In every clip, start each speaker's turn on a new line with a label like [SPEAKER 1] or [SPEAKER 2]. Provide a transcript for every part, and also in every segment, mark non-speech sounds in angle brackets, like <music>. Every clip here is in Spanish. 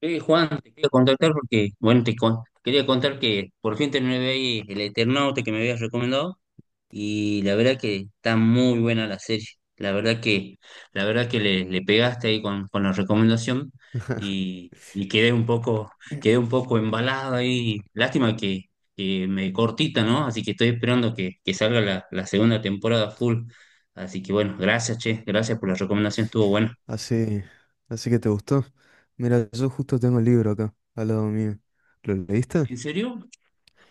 [SPEAKER 1] Juan, te quería contactar porque, bueno, quería contar que por fin terminé de ahí el Eternauta que me habías recomendado y la verdad que está muy buena la serie. La verdad que, la verdad que le pegaste ahí con la recomendación y quedé un poco
[SPEAKER 2] <laughs>
[SPEAKER 1] embalado ahí. Que me cortita, ¿no? Así que estoy esperando que salga la segunda temporada full. Así que bueno, gracias, che, gracias por la recomendación, estuvo buena.
[SPEAKER 2] Así, así que te gustó. Mira, yo justo tengo el libro acá, al lado mío. ¿Lo leíste?
[SPEAKER 1] ¿En serio?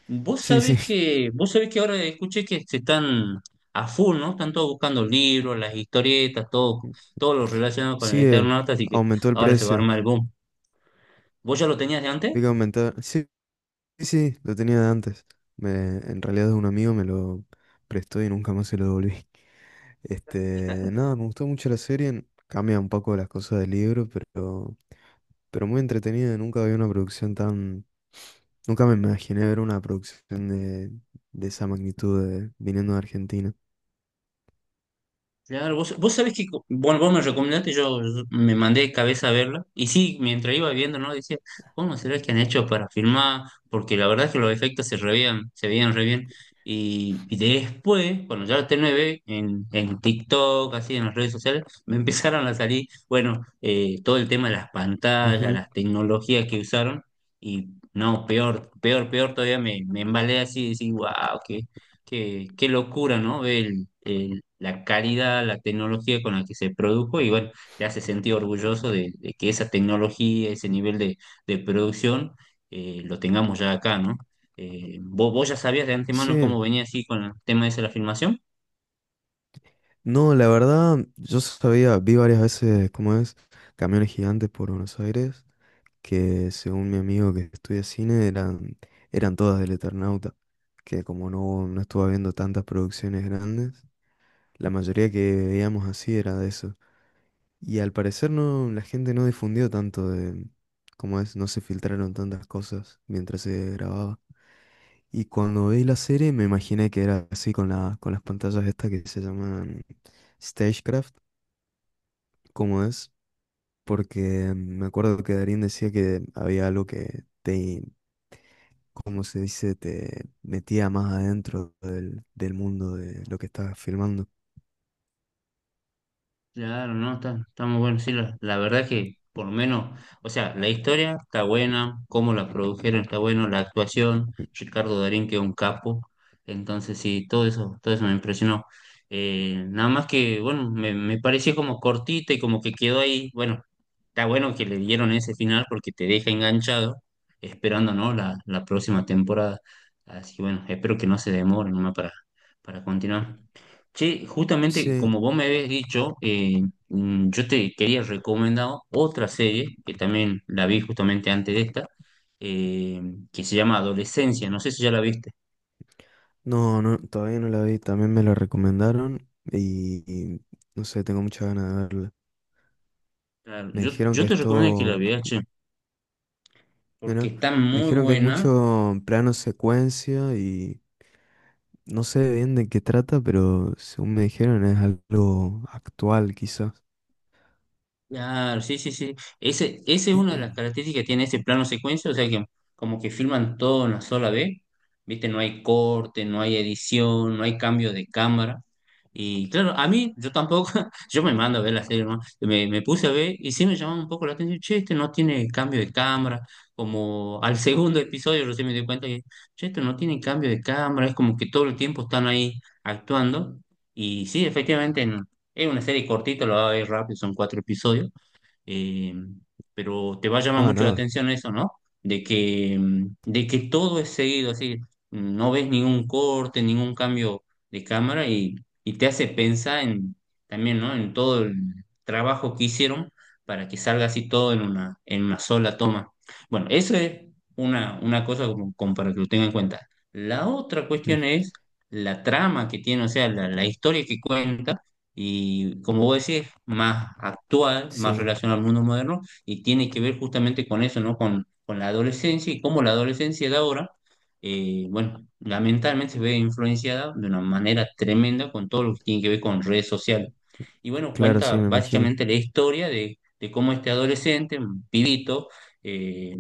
[SPEAKER 2] Sí,
[SPEAKER 1] Vos sabés que ahora escuché que se están a full, ¿no? Están todos buscando libros, las historietas, todo, todo lo
[SPEAKER 2] <laughs>
[SPEAKER 1] relacionado con el
[SPEAKER 2] sí,
[SPEAKER 1] Eternauta, así que
[SPEAKER 2] aumentó el
[SPEAKER 1] ahora se va a
[SPEAKER 2] precio.
[SPEAKER 1] armar el boom. ¿Vos ya lo tenías de antes?
[SPEAKER 2] Vi que aumentar. Sí, sí, lo tenía de antes. Me, en realidad es un amigo, me lo prestó y nunca más se lo devolví. Este, nada, me gustó mucho la serie. Cambia un poco las cosas del libro, pero muy entretenida. Nunca vi una producción tan Nunca me imaginé ver una producción de esa magnitud de- viniendo de Argentina.
[SPEAKER 1] Claro, vos sabés que, bueno, vos me recomendaste, yo me mandé de cabeza a verla, y sí, mientras iba viendo, ¿no? Decía, ¿cómo será que han hecho para filmar? Porque la verdad es que los efectos se veían re bien, y después, cuando ya la terminé de ver, en TikTok, así, en las redes sociales, <laughs> me empezaron a salir, bueno, todo el tema de las pantallas,
[SPEAKER 2] Ujú.
[SPEAKER 1] las tecnologías que usaron, y no, peor todavía me embalé así, y decir, wow, qué, qué locura, ¿no? Ve la calidad, la tecnología con la que se produjo y bueno, te hace sentir orgulloso de que esa tecnología, ese nivel de producción, lo tengamos ya acá, ¿no? ¿Vos, ya sabías de antemano cómo
[SPEAKER 2] Sí,
[SPEAKER 1] venía así con el tema ese de la filmación?
[SPEAKER 2] no, la verdad, yo sabía, vi varias veces cómo es camiones gigantes por Buenos Aires, que según mi amigo que estudia cine eran todas del Eternauta, que como no estuve viendo tantas producciones grandes, la mayoría que veíamos así era de eso. Y al parecer no, la gente no difundió tanto de cómo es, no se filtraron tantas cosas mientras se grababa. Y cuando vi la serie me imaginé que era así con con las pantallas estas que se llaman Stagecraft, como es, porque me acuerdo que Darín decía que había algo que como se dice, te metía más adentro del mundo de lo que estabas filmando.
[SPEAKER 1] Claro, no, está, está muy bueno. Sí, la verdad que por lo menos, o sea, la historia está buena, cómo la produjeron está bueno, la actuación, Ricardo Darín que es un capo. Entonces sí, todo eso me impresionó. Nada más que, bueno, me pareció como cortita y como que quedó ahí. Bueno, está bueno que le dieron ese final porque te deja enganchado, esperando, ¿no? La próxima temporada. Así que bueno, espero que no se demore nomás para continuar. Che, justamente
[SPEAKER 2] Sí.
[SPEAKER 1] como vos me habías dicho, yo te quería recomendar otra serie que también la vi justamente antes de esta, eh, que se llama Adolescencia. No sé si ya la viste.
[SPEAKER 2] No, no, todavía no la vi, también me la recomendaron y no sé, tengo muchas ganas de verla.
[SPEAKER 1] Claro,
[SPEAKER 2] Me dijeron
[SPEAKER 1] yo
[SPEAKER 2] que
[SPEAKER 1] te recomiendo que
[SPEAKER 2] esto,
[SPEAKER 1] la veas, che, porque
[SPEAKER 2] bueno,
[SPEAKER 1] está
[SPEAKER 2] me
[SPEAKER 1] muy
[SPEAKER 2] dijeron que es
[SPEAKER 1] buena.
[SPEAKER 2] mucho plano secuencia y no sé bien de qué trata, pero según me dijeron es algo actual quizás.
[SPEAKER 1] Claro, sí, sí, sí. Ese es una de las características que tiene ese plano secuencia, o sea que como que filman todo en una sola vez, ¿viste? No hay corte, no hay edición, no hay cambio de cámara. Y claro, a mí, yo tampoco, <laughs> yo me mando a ver la serie, ¿no? Me puse a ver y sí me llamaba un poco la atención, che, este no tiene cambio de cámara, como al <laughs> segundo episodio recién me di cuenta que, che, este no tiene cambio de cámara, es como que todo el tiempo están ahí actuando. Y sí, efectivamente, es una serie cortita, lo va a ver rápido, son cuatro episodios, eh, pero te va a llamar
[SPEAKER 2] Ah,
[SPEAKER 1] mucho la
[SPEAKER 2] nada.
[SPEAKER 1] atención eso, ¿no? De que, de que todo es seguido, así, no ves ningún corte, ningún cambio de cámara y te hace pensar en, también, ¿no? En todo el trabajo que hicieron para que salga así todo en una sola toma. Bueno, eso es una cosa como, como para que lo tengan en cuenta. La otra
[SPEAKER 2] Mm,
[SPEAKER 1] cuestión es la trama que tiene, o sea, la historia que cuenta y como vos decís, más actual, más
[SPEAKER 2] sí,
[SPEAKER 1] relacionado al mundo moderno, y tiene que ver justamente con eso, ¿no? Con la adolescencia y cómo la adolescencia de ahora, bueno, lamentablemente se ve influenciada de una manera tremenda con todo lo que tiene que ver con redes sociales. Y bueno,
[SPEAKER 2] claro, sí,
[SPEAKER 1] cuenta
[SPEAKER 2] me imagino.
[SPEAKER 1] básicamente la historia de cómo este adolescente, un pibito, eh,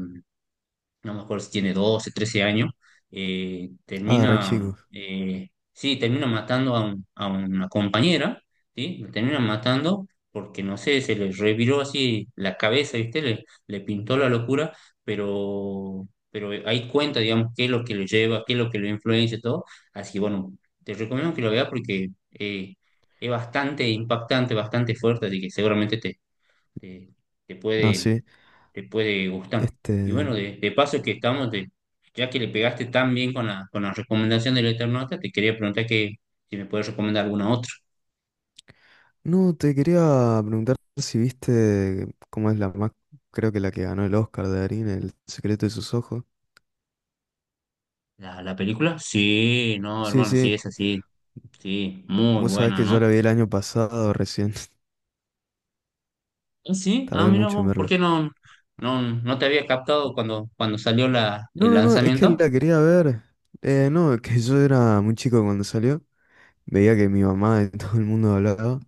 [SPEAKER 1] no me acuerdo si tiene 12 13 años,
[SPEAKER 2] Ah, re
[SPEAKER 1] termina,
[SPEAKER 2] chico.
[SPEAKER 1] sí, termina matando a, a una compañera, ¿sí? La termina matando porque, no sé, se le reviró así la cabeza, ¿viste? Le pintó la locura, pero ahí cuenta, digamos, qué es lo que lo lleva, qué es lo que lo influencia y todo. Así que, bueno, te recomiendo que lo veas porque es bastante impactante, bastante fuerte, así que seguramente te, te
[SPEAKER 2] Ah,
[SPEAKER 1] puede,
[SPEAKER 2] sí.
[SPEAKER 1] te puede gustar.
[SPEAKER 2] Este,
[SPEAKER 1] Y bueno, de paso que estamos, ya que le pegaste tan bien con la recomendación del Eternauta, te quería preguntar que si me puedes recomendar alguna otra.
[SPEAKER 2] no, te quería preguntar si viste cómo es la más, creo que la que ganó el Oscar de Darín, El secreto de sus ojos.
[SPEAKER 1] ¿La, la película? Sí, no,
[SPEAKER 2] Sí,
[SPEAKER 1] hermano, sí,
[SPEAKER 2] sí.
[SPEAKER 1] es así, sí, muy
[SPEAKER 2] Vos sabés
[SPEAKER 1] buena,
[SPEAKER 2] que
[SPEAKER 1] ¿no?
[SPEAKER 2] yo la vi el año pasado recién. <laughs>
[SPEAKER 1] Ah, sí, ah,
[SPEAKER 2] Tardé
[SPEAKER 1] mira
[SPEAKER 2] mucho en
[SPEAKER 1] vos, ¿por
[SPEAKER 2] verla.
[SPEAKER 1] qué no, no, no te había captado cuando, cuando salió la,
[SPEAKER 2] No,
[SPEAKER 1] el
[SPEAKER 2] no, no, es que
[SPEAKER 1] lanzamiento?
[SPEAKER 2] la quería ver. No, es que <laughs> yo era muy chico cuando salió. Veía que mi mamá y <laughs> todo el mundo hablaba.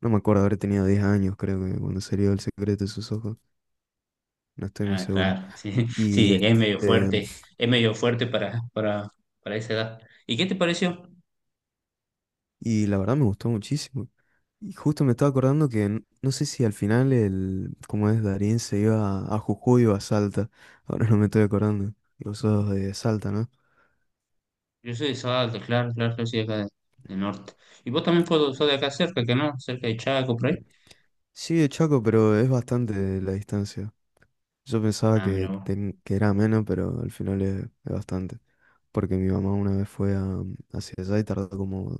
[SPEAKER 2] No me acuerdo haber tenido 10 años, creo que cuando salió El secreto de sus ojos. No estoy muy
[SPEAKER 1] Ah,
[SPEAKER 2] seguro.
[SPEAKER 1] claro, sí, <laughs>
[SPEAKER 2] Y
[SPEAKER 1] sí,
[SPEAKER 2] este, <laughs>
[SPEAKER 1] es medio fuerte para esa edad. ¿Y qué te pareció?
[SPEAKER 2] y la verdad me gustó muchísimo. Y justo me estaba acordando que n- no sé si al final cómo es, Darín se iba a Jujuy o a Salta. Ahora no me estoy acordando. Y vos sos de Salta, ¿no?
[SPEAKER 1] Yo soy de Salta, claro, claro, yo soy de acá del norte. Y vos también puedo sos de acá cerca, que ¿no? Cerca de Chaco, por ahí.
[SPEAKER 2] Sí, de Chaco, pero es bastante la distancia. Yo pensaba
[SPEAKER 1] Ah, mira
[SPEAKER 2] que,
[SPEAKER 1] vos.
[SPEAKER 2] ten- que era menos, pero al final es bastante. Porque mi mamá una vez fue hacia allá y tardó como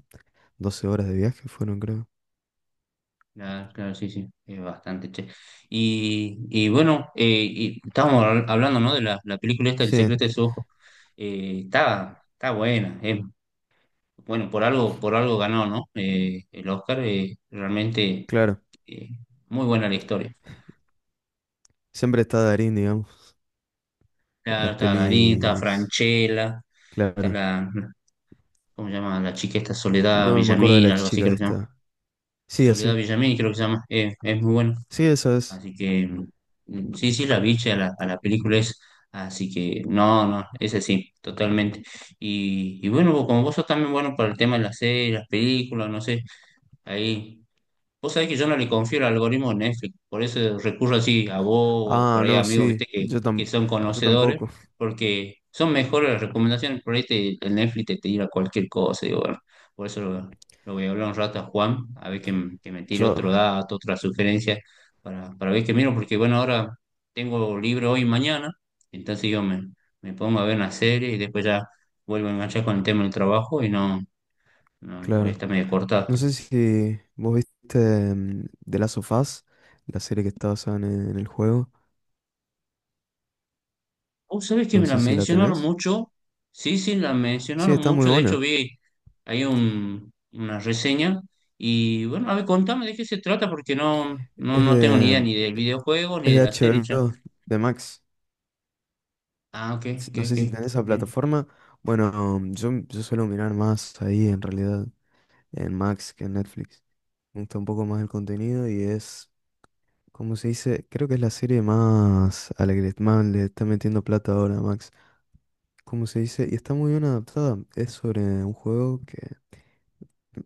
[SPEAKER 2] 12 horas de viaje, fueron, creo.
[SPEAKER 1] Claro, claro, sí, sí, es bastante, che. Y bueno, y estábamos hablando, ¿no? De la, la película esta, El
[SPEAKER 2] Sí,
[SPEAKER 1] secreto de su ojo. Está, está buena, eh. Bueno, por algo ganó, ¿no? El Oscar, realmente
[SPEAKER 2] claro.
[SPEAKER 1] eh, muy buena la historia.
[SPEAKER 2] Siempre está Darín, digamos, en
[SPEAKER 1] Claro,
[SPEAKER 2] las
[SPEAKER 1] está Darín, está
[SPEAKER 2] pelis.
[SPEAKER 1] Franchella, está
[SPEAKER 2] Claro.
[SPEAKER 1] la, ¿cómo se llama? La chica esta Soledad
[SPEAKER 2] No, no me acuerdo de
[SPEAKER 1] Villamil,
[SPEAKER 2] la
[SPEAKER 1] algo así
[SPEAKER 2] chica
[SPEAKER 1] creo que se llama.
[SPEAKER 2] esta. Sí,
[SPEAKER 1] Soledad
[SPEAKER 2] así.
[SPEAKER 1] Villamil, creo que se llama, es muy bueno.
[SPEAKER 2] Sí, esa es.
[SPEAKER 1] Así que sí, sí, la vi a la película es. Así que no, no, ese sí, totalmente. Y bueno, como vos sos también bueno para el tema de las series, las películas, no sé, ahí. Vos sabés que yo no le confío el algoritmo de Netflix, por eso recurro así a vos o por
[SPEAKER 2] Ah,
[SPEAKER 1] ahí a
[SPEAKER 2] no,
[SPEAKER 1] amigos,
[SPEAKER 2] sí.
[SPEAKER 1] viste,
[SPEAKER 2] Yo,
[SPEAKER 1] que
[SPEAKER 2] tam-
[SPEAKER 1] son
[SPEAKER 2] yo
[SPEAKER 1] conocedores,
[SPEAKER 2] tampoco.
[SPEAKER 1] porque son mejores las recomendaciones, por ahí el Netflix te tira cualquier cosa, digo, bueno, por eso lo voy a hablar un rato a Juan, a ver que, que me tire
[SPEAKER 2] Yo,
[SPEAKER 1] otro dato, otra sugerencia, para ver qué miro, porque bueno, ahora tengo libre hoy y mañana, entonces me pongo a ver una serie y después ya vuelvo a enganchar con el tema del trabajo y no, no voy a
[SPEAKER 2] claro.
[SPEAKER 1] estar medio cortado.
[SPEAKER 2] No sé si vos viste The Last of Us, la serie que está basada en el juego.
[SPEAKER 1] Oh, ¿sabes que
[SPEAKER 2] No
[SPEAKER 1] me la
[SPEAKER 2] sé si la
[SPEAKER 1] mencionaron
[SPEAKER 2] tenés.
[SPEAKER 1] mucho? Sí, sí, la
[SPEAKER 2] Sí,
[SPEAKER 1] mencionaron
[SPEAKER 2] está muy
[SPEAKER 1] mucho. De hecho,
[SPEAKER 2] buena.
[SPEAKER 1] vi ahí una reseña. Y bueno, a ver, contame de qué se trata, porque no, no,
[SPEAKER 2] Es
[SPEAKER 1] no tengo ni idea
[SPEAKER 2] de,
[SPEAKER 1] ni del videojuego ni
[SPEAKER 2] es
[SPEAKER 1] de
[SPEAKER 2] de
[SPEAKER 1] la serie ya.
[SPEAKER 2] HBO, de Max.
[SPEAKER 1] Ah, ok,
[SPEAKER 2] S-
[SPEAKER 1] ok,
[SPEAKER 2] No sé si
[SPEAKER 1] ok.
[SPEAKER 2] tenés esa
[SPEAKER 1] Bien.
[SPEAKER 2] plataforma. Bueno, mm, yo suelo mirar más ahí en realidad, en Max que en Netflix. Me gusta un poco más el contenido y es, ¿cómo se dice? Creo que es la serie más a la que le, más le está metiendo plata ahora a Max. ¿Cómo se dice? Y está muy bien adaptada. Es sobre un juego que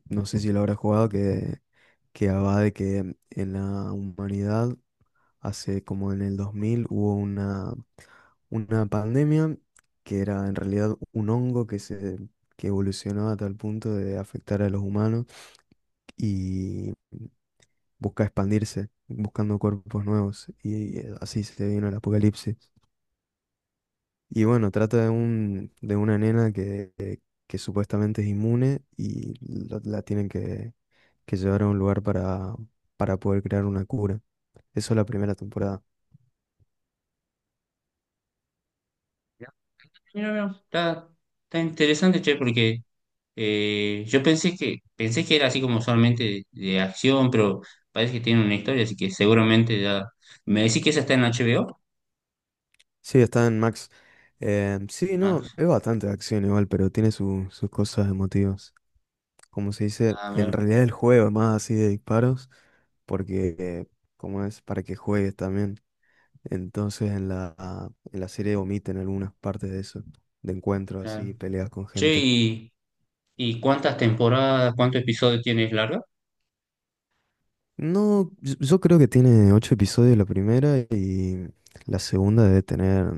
[SPEAKER 2] no sé si lo habrá jugado, que va de que en la humanidad, hace como en el 2000, hubo una pandemia que era en realidad un hongo que se, que evolucionó a tal punto de afectar a los humanos y busca expandirse, buscando cuerpos nuevos. Y así se vino el apocalipsis. Y bueno, trata de un, de una nena que supuestamente es inmune y la tienen que llevar a un lugar para poder crear una cura. Eso es la primera temporada.
[SPEAKER 1] Ya. Mira, mira, está, está interesante, che, porque yo pensé que era así como solamente de acción, pero parece que tiene una historia, así que seguramente ya. ¿Me decís que esa está en HBO?
[SPEAKER 2] Sí, está en Max. Sí, no,
[SPEAKER 1] Max.
[SPEAKER 2] es bastante de acción igual, pero tiene su- sus cosas emotivas. Como se dice,
[SPEAKER 1] Ah,
[SPEAKER 2] en
[SPEAKER 1] mira,
[SPEAKER 2] realidad el juego es más así de disparos, porque como es para que juegues también. Entonces en en la serie omiten algunas partes de eso, de encuentros así,
[SPEAKER 1] claro.
[SPEAKER 2] peleas con
[SPEAKER 1] Che,
[SPEAKER 2] gente.
[SPEAKER 1] y. ¿Y cuántas temporadas, cuántos episodios tienes larga?
[SPEAKER 2] No, yo creo que tiene 8 episodios la primera y la segunda debe tener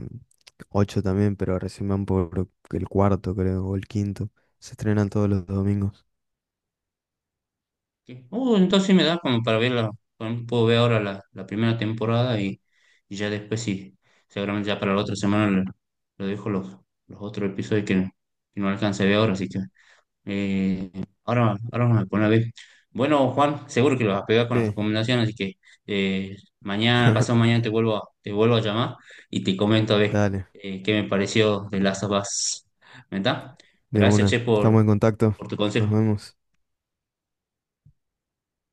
[SPEAKER 2] 8 también, pero recién van por el cuarto, creo, o el quinto. Se estrenan todos los domingos.
[SPEAKER 1] ¿Qué? Entonces sí me da como para verla. Bueno, puedo ver ahora la, la primera temporada y ya después sí. Seguramente ya para la otra semana le dejo los otros episodios que no alcancé a ver ahora, así que. Eh, ahora, ahora me pone a ver. Bueno, Juan, seguro que lo vas a pegar con las
[SPEAKER 2] Sí.
[SPEAKER 1] recomendaciones, así que eh, mañana, pasado
[SPEAKER 2] <laughs>
[SPEAKER 1] mañana te vuelvo a llamar y te comento a ver
[SPEAKER 2] Dale,
[SPEAKER 1] qué me pareció de las of Us. ¿Verdad?
[SPEAKER 2] de
[SPEAKER 1] Gracias,
[SPEAKER 2] una.
[SPEAKER 1] che,
[SPEAKER 2] Estamos en contacto.
[SPEAKER 1] por tu
[SPEAKER 2] Nos
[SPEAKER 1] consejo.
[SPEAKER 2] vemos.